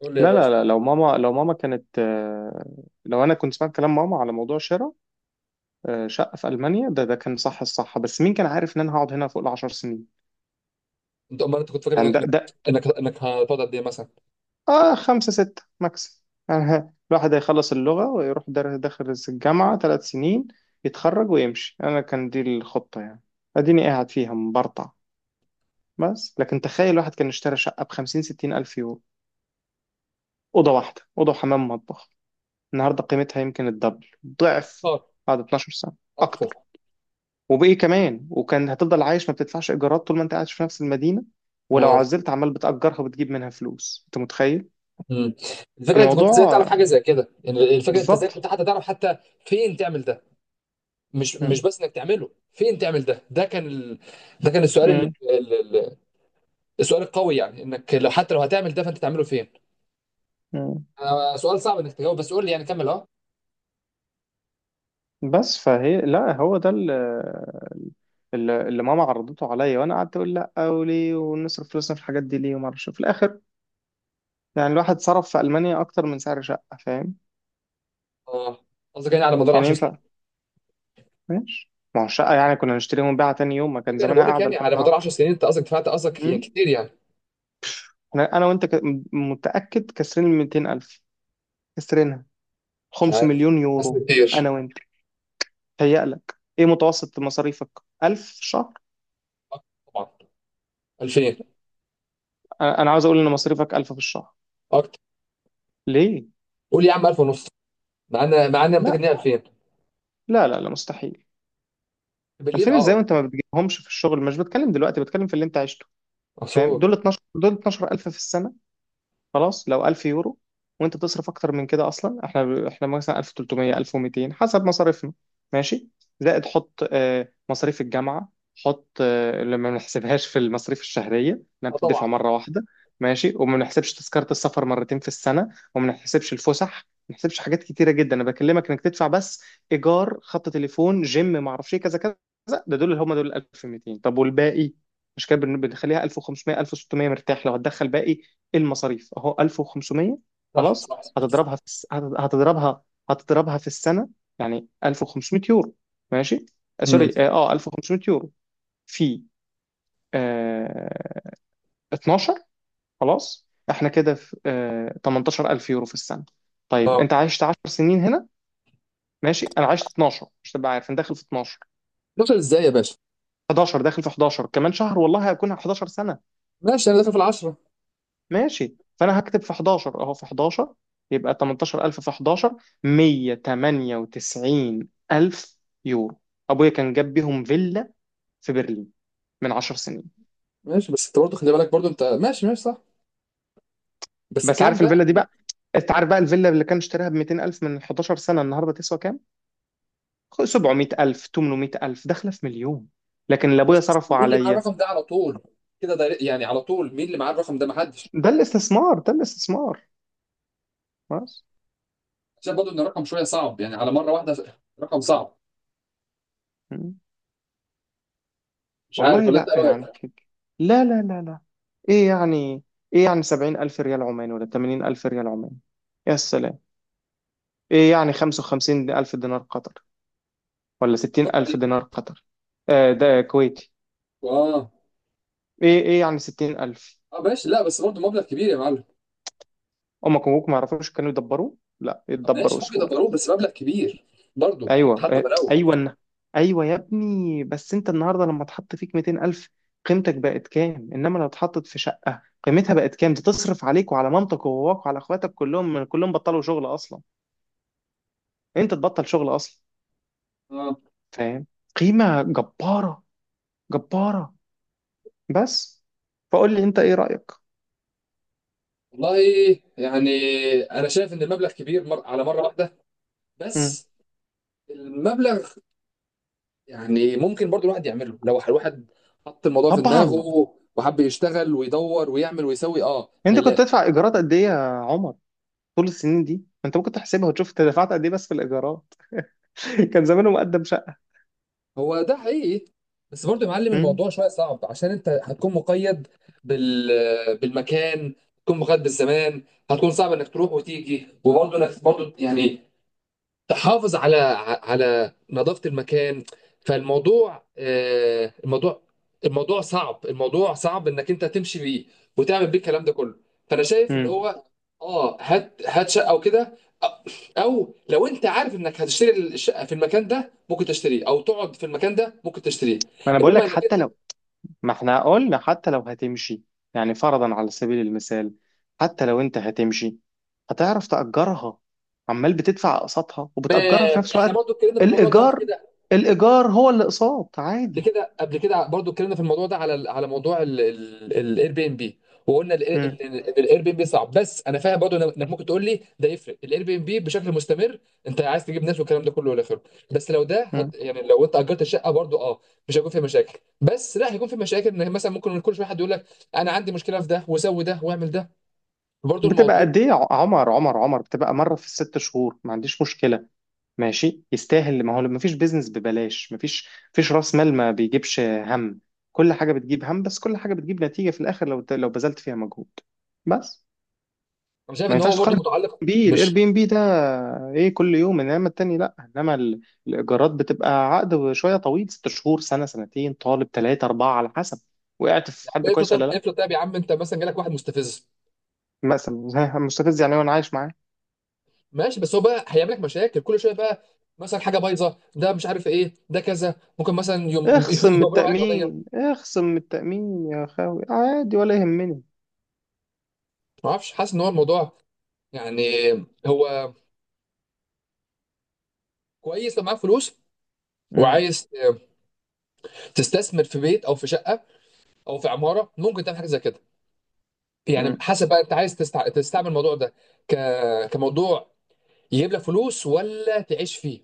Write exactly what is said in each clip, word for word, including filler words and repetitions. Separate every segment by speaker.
Speaker 1: قول لي يا
Speaker 2: لا
Speaker 1: باشا.
Speaker 2: لا لا لو ماما لو ماما كانت آه، لو انا كنت سمعت كلام ماما على موضوع شراء آه، شقه في المانيا. ده ده كان صح الصح، بس مين كان عارف ان انا هقعد هنا فوق العشر سنين؟
Speaker 1: انت امال انت كنت فاكر
Speaker 2: يعني
Speaker 1: انك
Speaker 2: ده
Speaker 1: انك
Speaker 2: ده
Speaker 1: انك إنك هتقعد قد ايه مثلا؟
Speaker 2: اه خمسه سته ماكس يعني الواحد هيخلص اللغه ويروح در- داخل الجامعه ثلاث سنين، يتخرج ويمشي. انا كان دي الخطه يعني، اديني قاعد فيها مبرطع. بس لكن تخيل الواحد كان اشترى شقه ب خمسين ستين الف يورو، اوضه واحده، اوضه وحمام ومطبخ، النهارده قيمتها يمكن الدبل، ضعف،
Speaker 1: اه.
Speaker 2: بعد اتناشر سنه،
Speaker 1: اكتر.
Speaker 2: اكتر. وبإيه كمان؟ وكان هتفضل عايش ما بتدفعش إيجارات طول ما أنت قاعد في نفس المدينة. ولو
Speaker 1: اه.
Speaker 2: عزلت عمال بتأجرها وبتجيب منها فلوس. أنت متخيل
Speaker 1: امم. الفكره، انت كنت ازاي
Speaker 2: الموضوع؟
Speaker 1: تعرف حاجه
Speaker 2: آه،
Speaker 1: زي كده؟ يعني الفكره، انت ازاي
Speaker 2: بالظبط.
Speaker 1: كنت حتى تعرف حتى فين تعمل ده؟ مش مش
Speaker 2: مم.
Speaker 1: بس انك تعمله، فين تعمل ده؟ ده كان ال... ده كان السؤال اللي...
Speaker 2: مم.
Speaker 1: ال- ال- السؤال القوي، يعني انك لو حتى لو هتعمل ده فانت تعمله فين؟
Speaker 2: مم.
Speaker 1: آه سؤال صعب انك تجاوب، بس قول لي يعني كمل. اه.
Speaker 2: بس فهي لا، هو ده ال- ال- اللي ماما عرضته عليا، وانا قعدت اقول لا وليه، ونصرف فلوسنا في الحاجات دي ليه، وما اعرفش. في الاخر يعني الواحد صرف في المانيا اكتر من سعر شقه، فاهم؟
Speaker 1: اه، قصدك يعني على مدار
Speaker 2: كان
Speaker 1: 10 سنين؟
Speaker 2: ينفع. ماشي، ما هو الشقه يعني كنا نشتريها ونبيعها تاني يوم، ما كان
Speaker 1: ايوه، انا
Speaker 2: زمانها
Speaker 1: بقول لك
Speaker 2: قاعده
Speaker 1: يعني
Speaker 2: لحد
Speaker 1: على مدار
Speaker 2: النهارده.
Speaker 1: 10 سنين، انت قصدك دفعت، قصدك يعني
Speaker 2: أمم.
Speaker 1: كتير يعني.
Speaker 2: احنا انا وانت ك... م- متاكد كسرين ال مئتين ألف، كسرنا
Speaker 1: مش
Speaker 2: خمس
Speaker 1: عارف.
Speaker 2: مليون
Speaker 1: حاسس إن
Speaker 2: يورو، انا
Speaker 1: كتير.
Speaker 2: وانت. تهيألك ايه متوسط مصاريفك؟ ألف في الشهر؟
Speaker 1: آه، طبعا. ألفين.
Speaker 2: انا أنا عاوز اقول ان مصاريفك ألف في الشهر.
Speaker 1: اكتر.
Speaker 2: ليه؟
Speaker 1: قول يا عم ألف ونص، مع ان مع ان انا متاكد ان
Speaker 2: لا،
Speaker 1: هي ألفين
Speaker 2: لا، لا، لا، مستحيل.
Speaker 1: بالليل.
Speaker 2: ألفين ازاي
Speaker 1: اه.
Speaker 2: وانت ما بتجيبهمش في الشغل؟ مش بتكلم دلوقتي، بتكلم في اللي انت عشته، فاهم؟
Speaker 1: عصور.
Speaker 2: دول اتناشر، دول اتناشر ألف في السنه. خلاص لو ألف يورو وانت تصرف اكتر من كده اصلا. احنا احنا مثلا ألف وتلتمية ألف ومتين حسب مصاريفنا، ماشي. زائد حط آه، مصاريف الجامعه، حط آه، اللي ما بنحسبهاش في المصاريف الشهريه، انها
Speaker 1: اه
Speaker 2: بتدفع
Speaker 1: طبعا.
Speaker 2: مره واحده. ماشي، وما بنحسبش تذكره السفر مرتين في السنه، وما بنحسبش الفسح، ما بنحسبش حاجات كتيره جدا. انا بكلمك انك تدفع بس ايجار، خط تليفون، جيم، ما اعرفش ايه، كذا كذا. ده دول اللي هم دول ألف ومتين. طب والباقي؟ مش كده؟ بن- بنخليها ألف وخمسمئة ألف وستمئة، مرتاح. لو هتدخل باقي المصاريف اهو ألف وخمسمية.
Speaker 1: صح
Speaker 2: خلاص
Speaker 1: صح.
Speaker 2: هتضربها في الس... هت- هتضربها هتضربها في السنه، يعني ألف وخمسمية يورو، ماشي. آه،
Speaker 1: امم
Speaker 2: سوري، اه آه، ألف وخمسمية يورو في آه اتناشر. خلاص احنا كده في آه ثمانية عشر ألف يورو في السنه. طيب
Speaker 1: اه،
Speaker 2: انت عشت عشر سنين هنا. ماشي، انا عشت اتناشر، مش تبقى عارف انا داخل في اتناشر،
Speaker 1: اتناشر ازاي يا باشا؟
Speaker 2: حداشر. داخل في حداشر كمان شهر، والله هكون حداشر سنه.
Speaker 1: ماشي، انا داخل في العشرة.
Speaker 2: ماشي، فانا هكتب في حداشر، اهو في حداشر يبقى تمنتاشر ألف في حداشر، مية وتمانية وتسعين ألف يورو. ابويا كان جاب بيهم فيلا في برلين من عشر سنين.
Speaker 1: ماشي، بس انت برضه خلي بالك برضه. انت ماشي ماشي صح. بس
Speaker 2: بس
Speaker 1: كام
Speaker 2: عارف
Speaker 1: بقى؟
Speaker 2: الفيلا دي بقى؟ انت عارف بقى الفيلا اللي كان اشتراها ب مئتين ألف من حداشر سنه النهارده تسوى كام؟ سبعمئة ألف، ثمانمئة ألف، داخله في مليون. لكن اللي ابويا
Speaker 1: ماشي، بس
Speaker 2: صرفه
Speaker 1: مين اللي معاه
Speaker 2: عليا،
Speaker 1: الرقم ده على طول كده؟ ده يعني على طول مين اللي معاه الرقم ده؟ محدش.
Speaker 2: ده الاستثمار، ده الاستثمار. بس.
Speaker 1: عشان برضه ان الرقم شويه صعب يعني على مره واحده، رقم صعب. مش عارف،
Speaker 2: والله،
Speaker 1: ولا انت
Speaker 2: لا
Speaker 1: إيه
Speaker 2: يعني
Speaker 1: رايك؟
Speaker 2: ك- لا، لا، لا، لا. ايه يعني ايه يعني سبعين ألف ريال عماني ولا تمانين ألف ريال عماني، يا سلام. ايه يعني خمسة وخمسين ألف دينار قطر ولا ستين
Speaker 1: خطر
Speaker 2: ألف
Speaker 1: ايه؟
Speaker 2: دينار قطر؟ آه ده كويتي.
Speaker 1: اه
Speaker 2: ايه ايه يعني ستين ألف.
Speaker 1: اه ماشي، لا بس برضه مبلغ كبير يا معلم.
Speaker 2: امك وابوك ما يعرفوش كانوا يدبروا؟ لا،
Speaker 1: ماشي،
Speaker 2: يتدبروا
Speaker 1: ممكن
Speaker 2: سهولة.
Speaker 1: ابقى اروح، بس مبلغ كبير برضه.
Speaker 2: ايوه،
Speaker 1: حتى
Speaker 2: آه،
Speaker 1: بلاوي.
Speaker 2: ايوه. ايوه يا ابني، بس انت النهارده لما اتحط فيك مئتين الف، قيمتك بقت كام؟ انما لو اتحطت في شقه، قيمتها بقت كام؟ دي تصرف عليك وعلى مامتك وباباك وعلى اخواتك، كلهم كلهم بطلوا شغل اصلا. انت تبطل شغل اصلا، فاهم؟ قيمه جباره، جباره. بس. فقول لي انت ايه رايك.
Speaker 1: والله يعني انا شايف ان المبلغ كبير مر... على مره واحده.
Speaker 2: مم.
Speaker 1: بس المبلغ يعني ممكن برضو الواحد يعمله. لو الواحد حط الموضوع في
Speaker 2: طبعا.
Speaker 1: دماغه وحب يشتغل ويدور ويعمل ويسوي اه
Speaker 2: انت كنت
Speaker 1: هيلاقي.
Speaker 2: تدفع ايجارات قد ايه يا عمر؟ طول السنين دي انت ممكن تحسبها وتشوف انت دفعت قد ايه بس في الايجارات. كان زمانه مقدم شقه.
Speaker 1: هو ده حقيقي، بس برضو يا معلم
Speaker 2: مم.
Speaker 1: الموضوع شويه صعب، عشان انت هتكون مقيد بال... بالمكان، هتكون مقيد بالزمان. هتكون صعب انك تروح وتيجي، وبرضه انك برضه يعني تحافظ على على نظافة المكان. فالموضوع آه، الموضوع الموضوع صعب، الموضوع صعب انك انت تمشي بيه، وتعمل بيه الكلام ده كله. فانا شايف ان
Speaker 2: مم.
Speaker 1: هو اه هات هات شقه وكده، او لو انت عارف انك هتشتري الشقه في المكان ده، ممكن تشتريه. او تقعد في المكان ده، ممكن تشتريه.
Speaker 2: ما انا بقول
Speaker 1: انما
Speaker 2: لك،
Speaker 1: انك
Speaker 2: حتى
Speaker 1: انت،
Speaker 2: لو. ما احنا قلنا حتى لو هتمشي، يعني فرضا على سبيل المثال، حتى لو انت هتمشي هتعرف تأجرها، عمال بتدفع أقساطها
Speaker 1: ما
Speaker 2: وبتأجرها في نفس
Speaker 1: احنا
Speaker 2: الوقت.
Speaker 1: برضو اتكلمنا في الموضوع ده قبل
Speaker 2: الإيجار،
Speaker 1: كده.
Speaker 2: الإيجار هو اللي أقساط،
Speaker 1: قبل
Speaker 2: عادي.
Speaker 1: كده قبل كده برضو اتكلمنا في الموضوع ده على ال- على موضوع الاير بي ام بي، وقلنا ال-
Speaker 2: مم.
Speaker 1: ال- ان الاير بي ام بي صعب، بس انا فاهم برضو إنك- انك ممكن تقول لي ده يفرق الاير بي ام بي بشكل مستمر، انت عايز تجيب ناس والكلام ده كله والى اخره. بس لو ده
Speaker 2: مم.
Speaker 1: هت... يعني لو انت اجرت الشقه برضو اه مش هيكون فيها مشاكل، بس لا هيكون في مشاكل ان مثلا ممكن كل شويه حد يقول لك انا عندي مشكله في ده، وسوي ده، واعمل ده. برضو
Speaker 2: بتبقى
Speaker 1: الموضوع
Speaker 2: قد إيه يا ع- عمر، عمر، عمر؟ بتبقى مرة في الست شهور، ما عنديش مشكلة. ماشي، يستاهل. ما هو ما فيش بيزنس ببلاش، ما فيش فيش رأس مال ما بيجيبش هم. كل حاجة بتجيب هم، بس كل حاجة بتجيب نتيجة في الآخر لو لو بذلت فيها مجهود. بس.
Speaker 1: انا شايف
Speaker 2: ما
Speaker 1: ان هو
Speaker 2: ينفعش
Speaker 1: برضو
Speaker 2: تقارن
Speaker 1: متعلق
Speaker 2: بي الاير
Speaker 1: مش،
Speaker 2: بي ام بي ده، ايه كل يوم. انما التاني لا، انما ال- الايجارات بتبقى عقد شويه طويل، ست شهور، سنه، سنتين، طالب، ثلاثه، اربعه، على حسب. وقعت في حد
Speaker 1: يعني افرض
Speaker 2: كويس ولا
Speaker 1: طيب،
Speaker 2: لا؟
Speaker 1: افرض طيب يا عم، انت مثلا جالك واحد مستفز.
Speaker 2: مثلا مستفز يعني وانا عايش معاه.
Speaker 1: ماشي، بس هو بقى هيعمل لك مشاكل كل شويه بقى. مثلا حاجه بايظه، ده مش عارف ايه، ده كذا. ممكن مثلا يوم
Speaker 2: اخصم من
Speaker 1: يبرم عليك
Speaker 2: التامين،
Speaker 1: قضيه.
Speaker 2: اخصم من التامين يا خاوي، عادي، ولا يهمني.
Speaker 1: ما اعرفش، حاسس ان هو الموضوع يعني، هو كويس لو معاك فلوس
Speaker 2: مم.
Speaker 1: وعايز تستثمر في بيت او في شقه او في عماره، ممكن تعمل حاجه زي كده. يعني
Speaker 2: مم.
Speaker 1: حسب بقى انت عايز تستع... تستعمل الموضوع ده ك... كموضوع يجيب لك فلوس ولا تعيش فيه.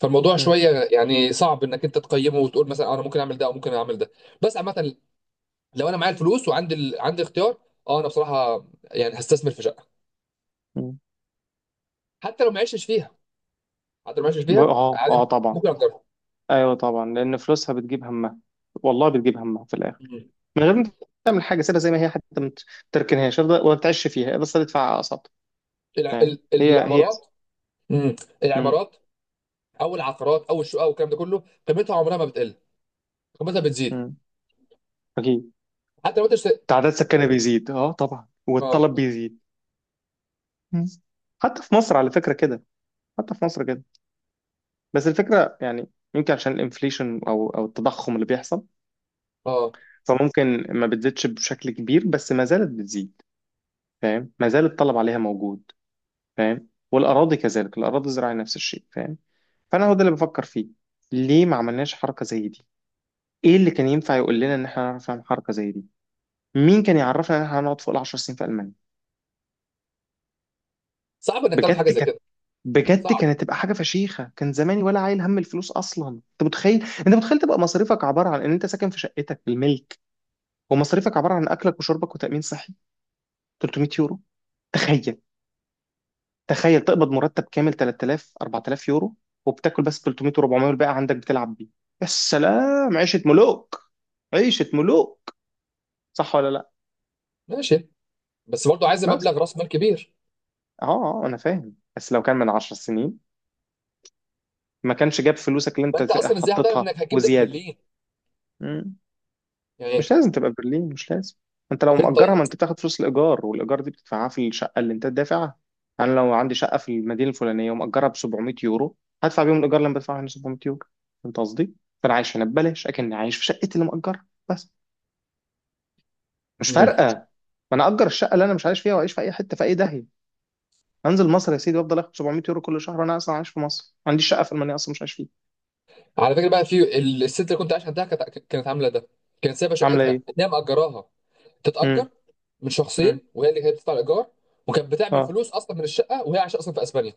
Speaker 1: فالموضوع
Speaker 2: مم.
Speaker 1: شويه يعني صعب انك انت تقيمه وتقول مثلا انا ممكن اعمل ده او ممكن اعمل ده. بس عامه، لو انا معايا الفلوس وعندي ال... عندي اختيار، اه انا بصراحه يعني هستثمر في شقه.
Speaker 2: مم.
Speaker 1: حتى لو ما عشتش فيها، حتى لو ما عشتش
Speaker 2: ب-
Speaker 1: فيها
Speaker 2: اه، اه،
Speaker 1: عادي،
Speaker 2: طبعا.
Speaker 1: ممكن اجرها.
Speaker 2: ايوه طبعا، لان فلوسها بتجيب همها، والله بتجيب همها في الاخر،
Speaker 1: مم.
Speaker 2: من غير ما تعمل حاجه. سيبها زي ما هي، حتى ما تركنهاش افضل، وما تعيش فيها بس تدفع اقساط.
Speaker 1: الع...
Speaker 2: فاهم؟
Speaker 1: ال...
Speaker 2: هي هي.
Speaker 1: العمارات. مم.
Speaker 2: مم.
Speaker 1: العمارات او العقارات او الشقق والكلام ده كله، قيمتها عمرها ما بتقل، قيمتها بتزيد.
Speaker 2: مم. اكيد.
Speaker 1: حتى لو انت اشت...
Speaker 2: تعداد سكانها بيزيد، اه طبعا،
Speaker 1: اه
Speaker 2: والطلب بيزيد. مم. حتى في مصر على فكره كده، حتى في مصر كده. بس الفكره يعني يمكن عشان الانفليشن او او التضخم اللي بيحصل،
Speaker 1: اه
Speaker 2: فممكن ما بتزيدش بشكل كبير، بس ما زالت بتزيد. فاهم؟ ما زال الطلب عليها موجود. فاهم؟ والاراضي كذلك، الاراضي الزراعيه نفس الشيء. فاهم؟ فانا هو ده اللي بفكر فيه، ليه ما عملناش حركه زي دي؟ ايه اللي كان ينفع يقول لنا ان احنا هنعرف نعمل حركه زي دي؟ مين كان يعرفنا ان احنا هنقعد فوق العشر سنين في المانيا؟
Speaker 1: صعب انك تعرف حاجه
Speaker 2: بجد
Speaker 1: زي
Speaker 2: كانت
Speaker 1: كده.
Speaker 2: بجد
Speaker 1: صعب.
Speaker 2: كانت تبقى حاجه فشيخه. كان زماني ولا عايل هم الفلوس اصلا. انت متخيل؟ انت متخيل تبقى مصاريفك عباره عن ان انت ساكن في شقتك الملك، ومصاريفك عباره عن اكلك وشربك وتامين صحي تلتمية يورو؟ تخيل، تخيل تقبض مرتب كامل تلت تلاف أربعة آلاف يورو، وبتاكل بس تلتمية و400، والباقي عندك بتلعب بيه. يا سلام، عيشه ملوك، عيشه ملوك، صح ولا لا؟
Speaker 1: ماشي، بس برضه عايز
Speaker 2: بس.
Speaker 1: مبلغ راس مال كبير.
Speaker 2: اه، اه، انا فاهم. بس لو كان من عشر سنين ما كانش جاب فلوسك اللي انت
Speaker 1: فانت اصلا ازاي هتعرف
Speaker 2: حطيتها
Speaker 1: انك هتجيب ده في
Speaker 2: وزياده.
Speaker 1: برلين؟
Speaker 2: مم.
Speaker 1: يعني
Speaker 2: مش لازم تبقى برلين، مش لازم. انت
Speaker 1: ما
Speaker 2: لو
Speaker 1: فين
Speaker 2: مأجرها،
Speaker 1: طيب؟
Speaker 2: ما انت بتاخد فلوس الايجار، والايجار دي بتدفعها في الشقه اللي انت دافعها. انا لو عندي شقه في المدينه الفلانيه ومأجرها ب سبعمية يورو، هدفع بيهم الايجار اللي انا بدفعه هنا سبعمية يورو. فهمت قصدي؟ فانا عايش هنا ببلاش، اكن عايش في شقتي اللي مأجرها بس. مش فارقه، ما انا اجر الشقه اللي انا مش عايش فيها واعيش في اي حته، في اي داهيه. انزل مصر يا سيدي وافضل اخد سبعمئة يورو كل شهر، وانا اصلا عايش في مصر، ما عنديش شقه في المانيا اصلا مش عايش فيها.
Speaker 1: على فكره بقى، في الست اللي كنت عايش عندها، كانت كانت عامله ده. كانت سايبه
Speaker 2: عامله
Speaker 1: شقتها
Speaker 2: ايه؟
Speaker 1: اللي هي مأجراها تتأجر
Speaker 2: امم.
Speaker 1: من
Speaker 2: امم.
Speaker 1: شخصين، وهي اللي كانت بتدفع الايجار، وكانت بتعمل
Speaker 2: اه.
Speaker 1: فلوس اصلا من الشقه وهي عايشه اصلا في اسبانيا،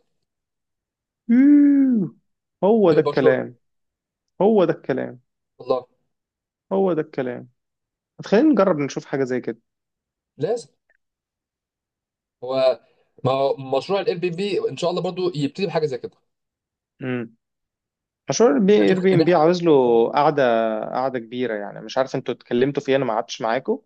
Speaker 2: يوه. هو
Speaker 1: في
Speaker 2: ده
Speaker 1: برشلونه.
Speaker 2: الكلام، هو ده الكلام،
Speaker 1: والله
Speaker 2: هو ده الكلام. خلينا نجرب نشوف حاجة زي كده.
Speaker 1: لازم. هو ما هو مشروع الاير بي بي ان شاء الله برضو يبتدي بحاجه زي كده.
Speaker 2: امم. مشروع
Speaker 1: إن احنا
Speaker 2: اير
Speaker 1: نشوف
Speaker 2: بي
Speaker 1: إن
Speaker 2: ام بي
Speaker 1: إحنا-.
Speaker 2: عاوز له قعدة قعدة كبيرة، يعني مش عارف انتوا اتكلمتوا فيه، انا ما قعدتش معاكم.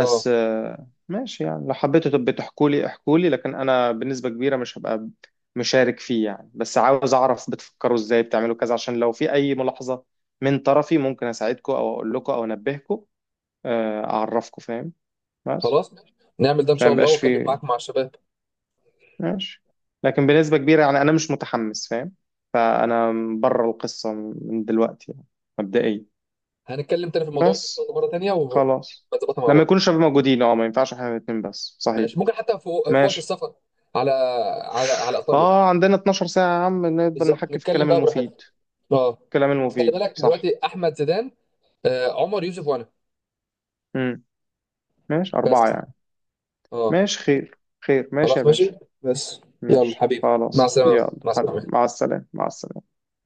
Speaker 1: اه
Speaker 2: آه، ماشي، يعني لو حبيتوا تبقوا تحكوا لي، احكوا لي، لكن انا بنسبة كبيرة مش هبقى مشارك فيه يعني. بس عاوز اعرف بتفكروا ازاي، بتعملوا كذا، عشان لو في اي ملاحظة من طرفي ممكن اساعدكم او اقول لكم او انبهكم، آه، اعرفكم، فاهم؟ بس
Speaker 1: خلاص ماشي، نعمل ده ان
Speaker 2: عشان
Speaker 1: شاء
Speaker 2: ما
Speaker 1: الله
Speaker 2: يبقاش
Speaker 1: واتكلم
Speaker 2: في.
Speaker 1: معاك مع الشباب.
Speaker 2: ماشي، لكن بنسبة كبيرة يعني أنا مش متحمس، فاهم؟ فأنا بره القصة من دلوقتي يعني، مبدئيا.
Speaker 1: هنتكلم تاني في الموضوع ده إن شاء
Speaker 2: بس.
Speaker 1: الله مره تانيه،
Speaker 2: خلاص،
Speaker 1: ونظبطها مع
Speaker 2: لما
Speaker 1: بعض.
Speaker 2: يكون الشباب موجودين، اه ما ينفعش احنا الاتنين بس، صحيح؟
Speaker 1: ماشي، ممكن حتى في في وقت
Speaker 2: ماشي.
Speaker 1: السفر، على على على ايطاليا.
Speaker 2: اه عندنا اتناشر ساعة يا عم، نقدر
Speaker 1: بالظبط،
Speaker 2: نحكي في
Speaker 1: نتكلم
Speaker 2: الكلام
Speaker 1: بقى براحتنا.
Speaker 2: المفيد.
Speaker 1: اه.
Speaker 2: الكلام
Speaker 1: بس خلي
Speaker 2: المفيد
Speaker 1: بالك
Speaker 2: صح.
Speaker 1: دلوقتي، احمد زيدان، آه عمر يوسف، وانا.
Speaker 2: امم. ماشي،
Speaker 1: بس
Speaker 2: أربعة يعني.
Speaker 1: اه
Speaker 2: ماشي، خير، خير، ماشي يا
Speaker 1: خلاص ماشي.
Speaker 2: باشا.
Speaker 1: بس. يلا
Speaker 2: ماشي
Speaker 1: حبيبي، مع
Speaker 2: خلاص.
Speaker 1: السلامه
Speaker 2: يلا
Speaker 1: مع
Speaker 2: حبيبي،
Speaker 1: السلامه.
Speaker 2: مع السلامة، مع السلامة.